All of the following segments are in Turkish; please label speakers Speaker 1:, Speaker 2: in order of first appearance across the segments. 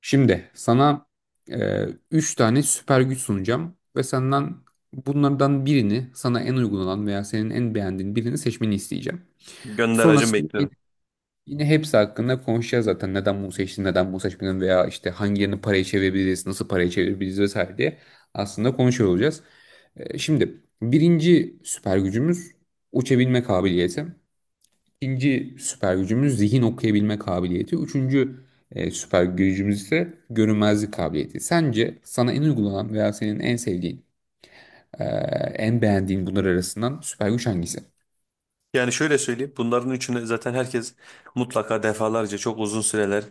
Speaker 1: Şimdi sana üç tane süper güç sunacağım ve senden bunlardan birini sana en uygun olan veya senin en beğendiğin birini seçmeni isteyeceğim.
Speaker 2: Gönder hacım
Speaker 1: Sonrasında
Speaker 2: bekliyorum.
Speaker 1: yine hepsi hakkında konuşacağız zaten neden bunu seçtin, neden bunu seçmedin veya işte hangilerini paraya çevirebiliriz, nasıl paraya çevirebiliriz vesaire diye aslında konuşuyor olacağız. Şimdi birinci süper gücümüz uçabilme kabiliyeti. İkinci süper gücümüz zihin okuyabilme kabiliyeti. Üçüncü süper gücümüz ise görünmezlik kabiliyeti. Sence sana en uygulanan veya senin en sevdiğin, e, en beğendiğin bunlar arasından süper güç hangisi?
Speaker 2: Yani şöyle söyleyeyim. Bunların üçünü zaten herkes mutlaka defalarca çok uzun süreler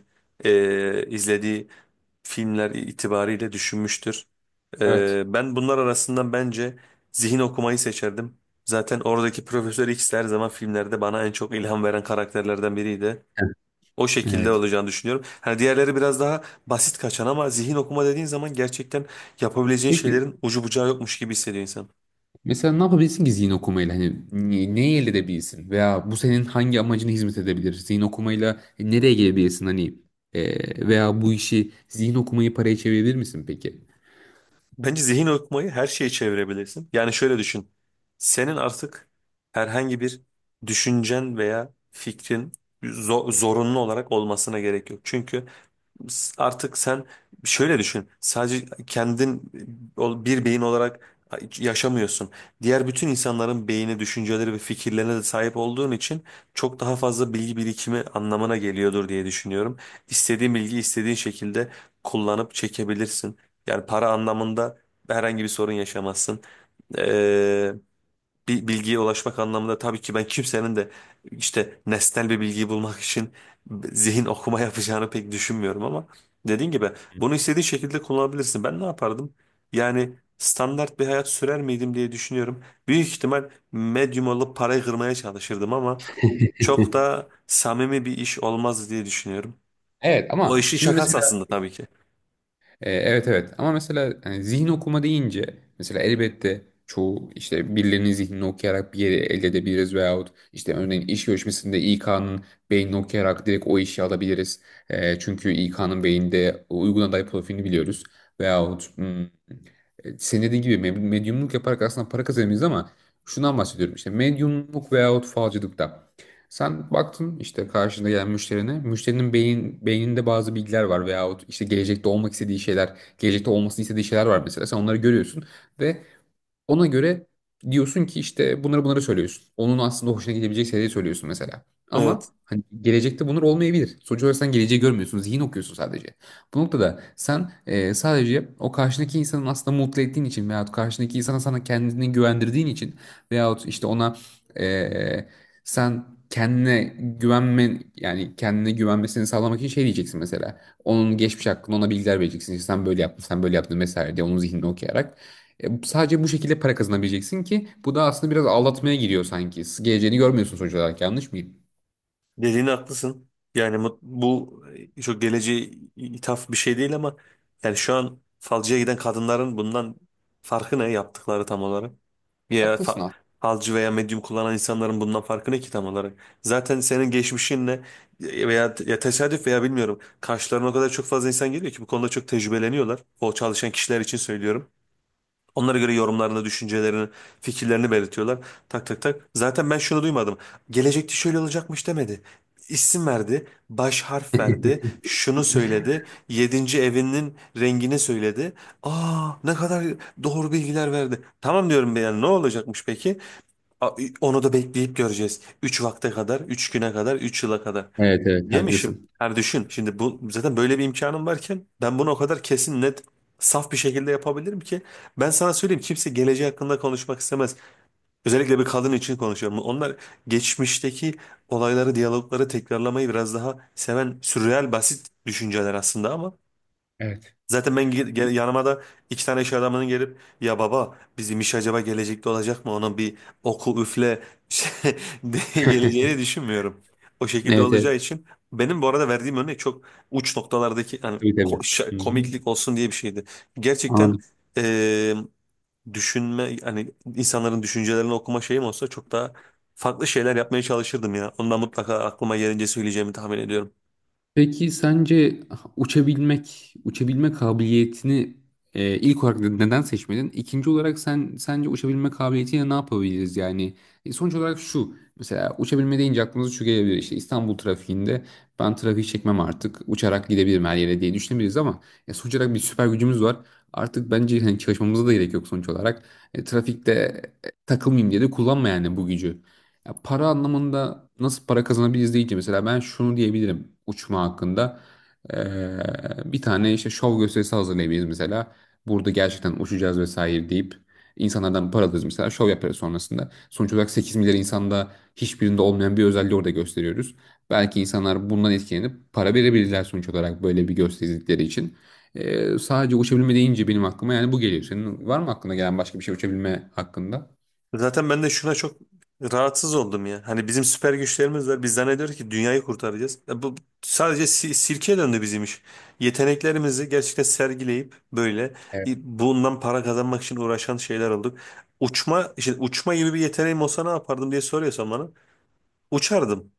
Speaker 2: izlediği filmler itibariyle düşünmüştür.
Speaker 1: Evet.
Speaker 2: Ben bunlar arasından bence zihin okumayı seçerdim. Zaten oradaki Profesör X her zaman filmlerde bana en çok ilham veren karakterlerden biriydi.
Speaker 1: Evet.
Speaker 2: O şekilde
Speaker 1: Evet.
Speaker 2: olacağını düşünüyorum. Hani diğerleri biraz daha basit kaçan ama zihin okuma dediğin zaman gerçekten yapabileceğin
Speaker 1: Peki
Speaker 2: şeylerin ucu bucağı yokmuş gibi hissediyor insan.
Speaker 1: mesela ne yapabilirsin ki zihin okumayla? Hani neyi elde edebilirsin? Veya bu senin hangi amacına hizmet edebilir? Zihin okumayla nereye gelebilirsin? Hani veya bu işi zihin okumayı paraya çevirebilir misin peki?
Speaker 2: Bence zihin okumayı her şeye çevirebilirsin. Yani şöyle düşün. Senin artık herhangi bir düşüncen veya fikrin zorunlu olarak olmasına gerek yok. Çünkü artık sen şöyle düşün. Sadece kendin bir beyin olarak yaşamıyorsun. Diğer bütün insanların beyni, düşünceleri ve fikirlerine de sahip olduğun için çok daha fazla bilgi birikimi anlamına geliyordur diye düşünüyorum. İstediğin bilgiyi istediğin şekilde kullanıp çekebilirsin. Yani para anlamında herhangi bir sorun yaşamazsın, bir bilgiye ulaşmak anlamında. Tabii ki ben kimsenin de işte nesnel bir bilgiyi bulmak için zihin okuma yapacağını pek düşünmüyorum ama dediğin gibi bunu istediğin şekilde kullanabilirsin. Ben ne yapardım? Yani standart bir hayat sürer miydim diye düşünüyorum. Büyük ihtimal medyum olup parayı kırmaya çalışırdım ama çok da samimi bir iş olmaz diye düşünüyorum.
Speaker 1: Evet
Speaker 2: O
Speaker 1: ama
Speaker 2: işin
Speaker 1: şimdi
Speaker 2: şakası
Speaker 1: mesela,
Speaker 2: aslında tabii ki.
Speaker 1: Evet evet ama mesela yani zihin okuma deyince mesela elbette çoğu işte birilerinin zihnini okuyarak bir yeri elde edebiliriz veyahut işte örneğin iş görüşmesinde İK'nın beynini okuyarak direkt o işi alabiliriz. Çünkü İK'nın beyinde uygun aday profilini biliyoruz veyahut senin dediğin gibi medyumluk yaparak aslında para kazanabiliriz ama şundan bahsediyorum işte medyumluk veyahut falcılıkta. Sen baktın işte karşında gelen müşterine. Müşterinin beyninde bazı bilgiler var veyahut işte gelecekte olmak istediği şeyler, gelecekte olmasını istediği şeyler var mesela. Sen onları görüyorsun ve ona göre diyorsun ki işte bunları söylüyorsun. Onun aslında hoşuna gidebilecek şeyleri söylüyorsun mesela. Ama
Speaker 2: Evet.
Speaker 1: hani gelecekte bunlar olmayabilir. Sonuç olarak sen geleceği görmüyorsun. Zihin okuyorsun sadece. Bu noktada sen sadece o karşındaki insanın aslında mutlu ettiğin için veyahut karşındaki insana sana kendini güvendirdiğin için veyahut işte ona e, sen kendine güvenmen yani kendine güvenmesini sağlamak için şey diyeceksin mesela. Onun geçmiş hakkında ona bilgiler vereceksin. İşte sen böyle yaptın, sen böyle yaptın mesela diye onun zihnini okuyarak. Sadece bu şekilde para kazanabileceksin ki bu da aslında biraz aldatmaya giriyor sanki. Geleceğini görmüyorsun sonuç olarak, yanlış mıyım?
Speaker 2: Dediğin haklısın. Yani çok geleceğe ithaf bir şey değil ama yani şu an falcıya giden kadınların bundan farkı ne yaptıkları tam olarak? Ya
Speaker 1: Haklısın
Speaker 2: fa-
Speaker 1: aslında.
Speaker 2: falcı veya medyum kullanan insanların bundan farkı ne ki tam olarak? Zaten senin geçmişinle veya ya tesadüf veya bilmiyorum, karşılarına o kadar çok fazla insan geliyor ki bu konuda çok tecrübeleniyorlar. O çalışan kişiler için söylüyorum. Onlara göre yorumlarını, düşüncelerini, fikirlerini belirtiyorlar. Tak tak tak. Zaten ben şunu duymadım. Gelecekte şöyle olacakmış demedi. İsim verdi, baş harf verdi, şunu söyledi, yedinci evinin rengini söyledi. Aa ne kadar doğru bilgiler verdi. Tamam diyorum ben, yani ne olacakmış peki? Onu da bekleyip göreceğiz. Üç vakte kadar, üç güne kadar, üç yıla kadar.
Speaker 1: Evet evet
Speaker 2: Yemişim.
Speaker 1: haklısın.
Speaker 2: Yani düşün şimdi, bu zaten böyle bir imkanım varken ben bunu o kadar kesin, net, saf bir şekilde yapabilirim ki ben sana söyleyeyim kimse geleceği hakkında konuşmak istemez. Özellikle bir kadın için konuşuyorum. Onlar geçmişteki olayları, diyalogları tekrarlamayı biraz daha seven sürreal basit düşünceler aslında ama
Speaker 1: Evet.
Speaker 2: zaten ben yanıma da iki tane iş adamının gelip ya baba bizim iş acaba gelecekte olacak mı? Onun bir oku üfle şey- geleceğini düşünmüyorum. O şekilde
Speaker 1: Evet evet.
Speaker 2: olacağı için, benim bu arada verdiğim örnek çok uç noktalardaki, yani
Speaker 1: Tabii tabii.
Speaker 2: ko- şa-
Speaker 1: Hı hı.
Speaker 2: komiklik olsun diye bir şeydi. Gerçekten
Speaker 1: Anladım.
Speaker 2: eee, düşünme, hani insanların düşüncelerini okuma şeyim olsa çok daha farklı şeyler yapmaya çalışırdım ya. Ondan mutlaka aklıma gelince söyleyeceğimi tahmin ediyorum.
Speaker 1: Peki sence uçabilmek, uçabilme kabiliyetini ilk olarak neden seçmedin? İkinci olarak sen sence uçabilme kabiliyetiyle ne yapabiliriz yani? Sonuç olarak şu, mesela uçabilme deyince aklımıza şu gelebilir, işte İstanbul trafiğinde ben trafiği çekmem artık uçarak gidebilirim her yere diye düşünebiliriz ama sonuç olarak bir süper gücümüz var. Artık bence hani çalışmamıza da gerek yok sonuç olarak. Trafikte takılmayayım diye de kullanma yani bu gücü. Ya para anlamında nasıl para kazanabiliriz deyince mesela ben şunu diyebilirim uçma hakkında. Bir tane işte şov gösterisi hazırlayabiliriz mesela. Burada gerçekten uçacağız vesaire deyip insanlardan para alırız mesela, şov yaparız sonrasında. Sonuç olarak 8 milyar insanda hiçbirinde olmayan bir özelliği orada gösteriyoruz. Belki insanlar bundan etkilenip para verebilirler sonuç olarak böyle bir gösterdikleri için. Sadece uçabilme deyince benim aklıma yani bu geliyor. Senin var mı aklına gelen başka bir şey uçabilme hakkında?
Speaker 2: Zaten ben de şuna çok rahatsız oldum ya. Hani bizim süper güçlerimiz var. Biz zannediyoruz ki dünyayı kurtaracağız. E bu sadece sirke döndü bizim iş. Yeteneklerimizi gerçekten sergileyip böyle
Speaker 1: Evet.
Speaker 2: bundan para kazanmak için uğraşan şeyler olduk. Uçma, işte uçma gibi bir yeteneğim olsa ne yapardım diye soruyorsan bana. Uçardım.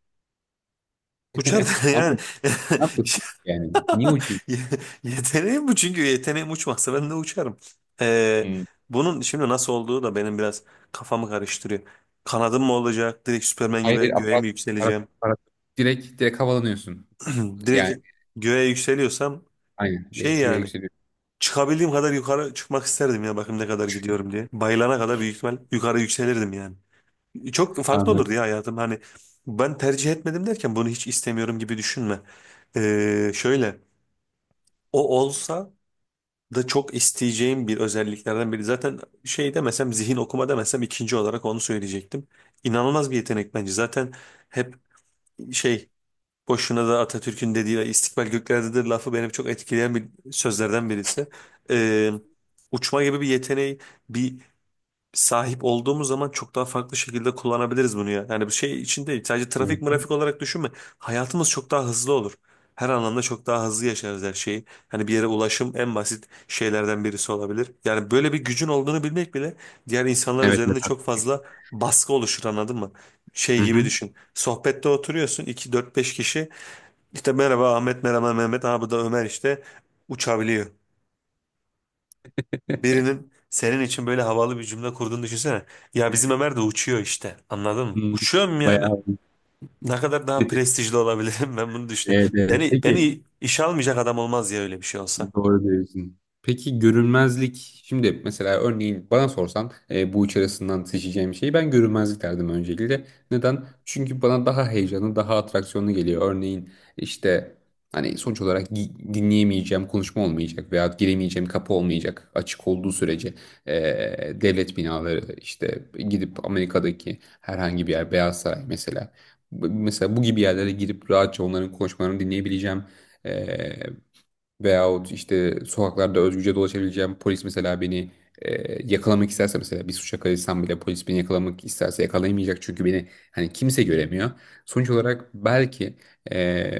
Speaker 2: Uçardım
Speaker 1: Ama
Speaker 2: yani.
Speaker 1: ne yapıyorsun yani? Niye uçuyorsun?
Speaker 2: Ye- Yeteneğim bu, çünkü yeteneğim uçmazsa ben de uçarım. Ee,
Speaker 1: Hmm.
Speaker 2: Bunun şimdi nasıl olduğu da benim biraz kafamı karıştırıyor. Kanadım mı olacak? Direkt Superman
Speaker 1: Hayır, hayır,
Speaker 2: gibi göğe mi yükseleceğim?
Speaker 1: aparat. Direkt havalanıyorsun. Yani
Speaker 2: Direkt göğe yükseliyorsam
Speaker 1: aynen.
Speaker 2: şey
Speaker 1: Direkt göğe
Speaker 2: yani
Speaker 1: yükseliyorsun.
Speaker 2: çıkabildiğim kadar yukarı çıkmak isterdim ya, bakayım ne kadar gidiyorum diye. Bayılana kadar büyük ihtimal yukarı yükselirdim yani. Çok farklı
Speaker 1: Anladım.
Speaker 2: olurdu ya hayatım, hani ben tercih etmedim derken bunu hiç istemiyorum gibi düşünme. Şöyle, o olsa da çok isteyeceğim bir özelliklerden biri. Zaten şey demesem, zihin okuma demesem, ikinci olarak onu söyleyecektim. İnanılmaz bir yetenek bence. Zaten hep şey, boşuna da Atatürk'ün dediği istikbal göklerdedir lafı benim çok etkileyen bir sözlerden birisi. Ee, Uçma gibi bir yeteneği bir sahip olduğumuz zaman çok daha farklı şekilde kullanabiliriz bunu ya. Yani bu şey için değil. Sadece
Speaker 1: Hı
Speaker 2: trafik
Speaker 1: hı.
Speaker 2: mırafik olarak düşünme. Hayatımız çok daha hızlı olur. Her anlamda çok daha hızlı yaşarız her şeyi. Hani bir yere ulaşım en basit şeylerden birisi olabilir. Yani böyle bir gücün olduğunu bilmek bile diğer insanlar
Speaker 1: Evet, evet
Speaker 2: üzerinde çok
Speaker 1: haklısın.
Speaker 2: fazla baskı oluşur, anladın mı? Şey
Speaker 1: Hı
Speaker 2: gibi
Speaker 1: hı.
Speaker 2: düşün. Sohbette oturuyorsun iki dört beş kişi. İşte merhaba Ahmet, merhaba Mehmet, ha bu da Ömer işte uçabiliyor. Birinin senin için böyle havalı bir cümle kurduğunu düşünsene. Ya bizim
Speaker 1: Evet.
Speaker 2: Ömer de uçuyor işte. Anladın mı?
Speaker 1: Hı,
Speaker 2: Uçuyorum yani.
Speaker 1: bayağı.
Speaker 2: Ne kadar daha prestijli olabilirim ben bunu düşünüyorum.
Speaker 1: Evet, evet.
Speaker 2: Beni
Speaker 1: Peki.
Speaker 2: beni işe almayacak adam olmaz ya öyle bir şey olsa.
Speaker 1: Doğru diyorsun. Peki görünmezlik, şimdi mesela örneğin bana sorsan bu üç arasından seçeceğim şeyi ben görünmezlik derdim öncelikle. Neden? Çünkü bana daha heyecanlı, daha atraksiyonlu geliyor. Örneğin işte hani sonuç olarak dinleyemeyeceğim konuşma olmayacak veya giremeyeceğim kapı olmayacak açık olduğu sürece. e, Devlet binaları işte gidip Amerika'daki herhangi bir yer, Beyaz Saray mesela. Mesela bu gibi yerlere girip rahatça onların konuşmalarını dinleyebileceğim. e, Veyahut işte sokaklarda özgürce dolaşabileceğim, polis mesela beni yakalamak isterse, mesela bir suça karışsam bile polis beni yakalamak isterse yakalayamayacak çünkü beni hani kimse göremiyor. Sonuç olarak belki e,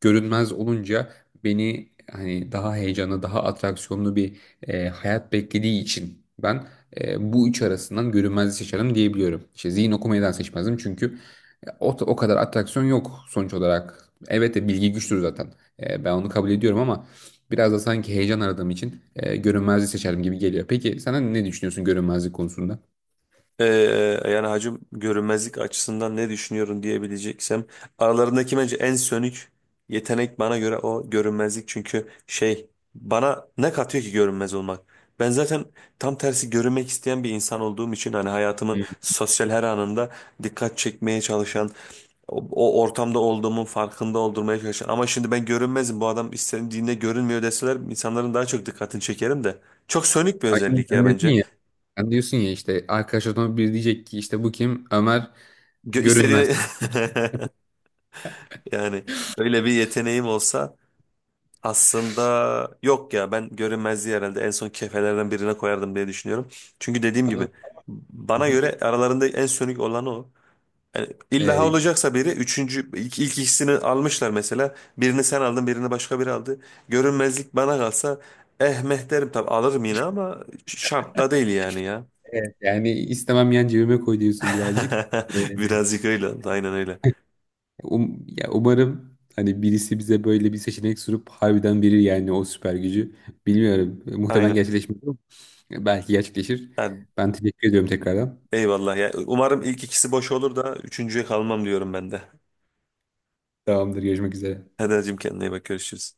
Speaker 1: görünmez olunca beni hani daha heyecanlı daha atraksiyonlu bir hayat beklediği için ben bu üç arasından görünmezliği seçerim diyebiliyorum. İşte zihin okumadan seçmezdim çünkü o kadar atraksiyon yok sonuç olarak. Evet de bilgi güçtür zaten. Ben onu kabul ediyorum ama biraz da sanki heyecan aradığım için görünmezliği seçerim gibi geliyor. Peki sen ne düşünüyorsun görünmezlik konusunda?
Speaker 2: Ee, Yani hacim, görünmezlik açısından ne düşünüyorum diyebileceksem, aralarındaki bence en sönük yetenek bana göre o, görünmezlik. Çünkü şey, bana ne katıyor ki görünmez olmak? Ben zaten tam tersi görünmek isteyen bir insan olduğum için, hani hayatımın
Speaker 1: Hmm.
Speaker 2: sosyal her anında dikkat çekmeye çalışan, o ortamda olduğumun farkında oldurmaya çalışan, ama şimdi ben görünmezim, bu adam istediğinde görünmüyor deseler insanların daha çok dikkatini çekerim de, çok sönük bir
Speaker 1: Ay şimdi
Speaker 2: özellik ya bence.
Speaker 1: sen diyorsun ya işte arkadaşlardan biri diyecek ki işte bu kim? Ömer
Speaker 2: Gö
Speaker 1: görünmez.
Speaker 2: istediğine yani öyle bir yeteneğim olsa, aslında yok ya, ben görünmezliği herhalde en son kefelerden birine koyardım diye düşünüyorum. Çünkü dediğim gibi
Speaker 1: Anladın mı?
Speaker 2: bana
Speaker 1: Hı hı.
Speaker 2: göre aralarında en sönük olan o. Yani illa
Speaker 1: E,
Speaker 2: olacaksa biri üçüncü, ilk ikisini almışlar mesela. Birini sen aldın, birini başka biri aldı. Görünmezlik bana kalsa eh meh derim, tabii alırım yine, ama şart da değil yani ya.
Speaker 1: evet, yani istemem yan cebime koy diyorsun birazcık. E,
Speaker 2: Birazcık öyle oldu, aynen öyle.
Speaker 1: Ya umarım hani birisi bize böyle bir seçenek sunup harbiden verir yani o süper gücü. Bilmiyorum. Muhtemelen
Speaker 2: Aynen.
Speaker 1: gerçekleşmez ama belki gerçekleşir.
Speaker 2: Yani
Speaker 1: Ben teşekkür ediyorum tekrardan.
Speaker 2: eyvallah ya. Umarım ilk ikisi boş olur da üçüncüye kalmam diyorum ben de.
Speaker 1: Tamamdır. Görüşmek üzere.
Speaker 2: Hadi hacım kendine iyi bak, görüşürüz.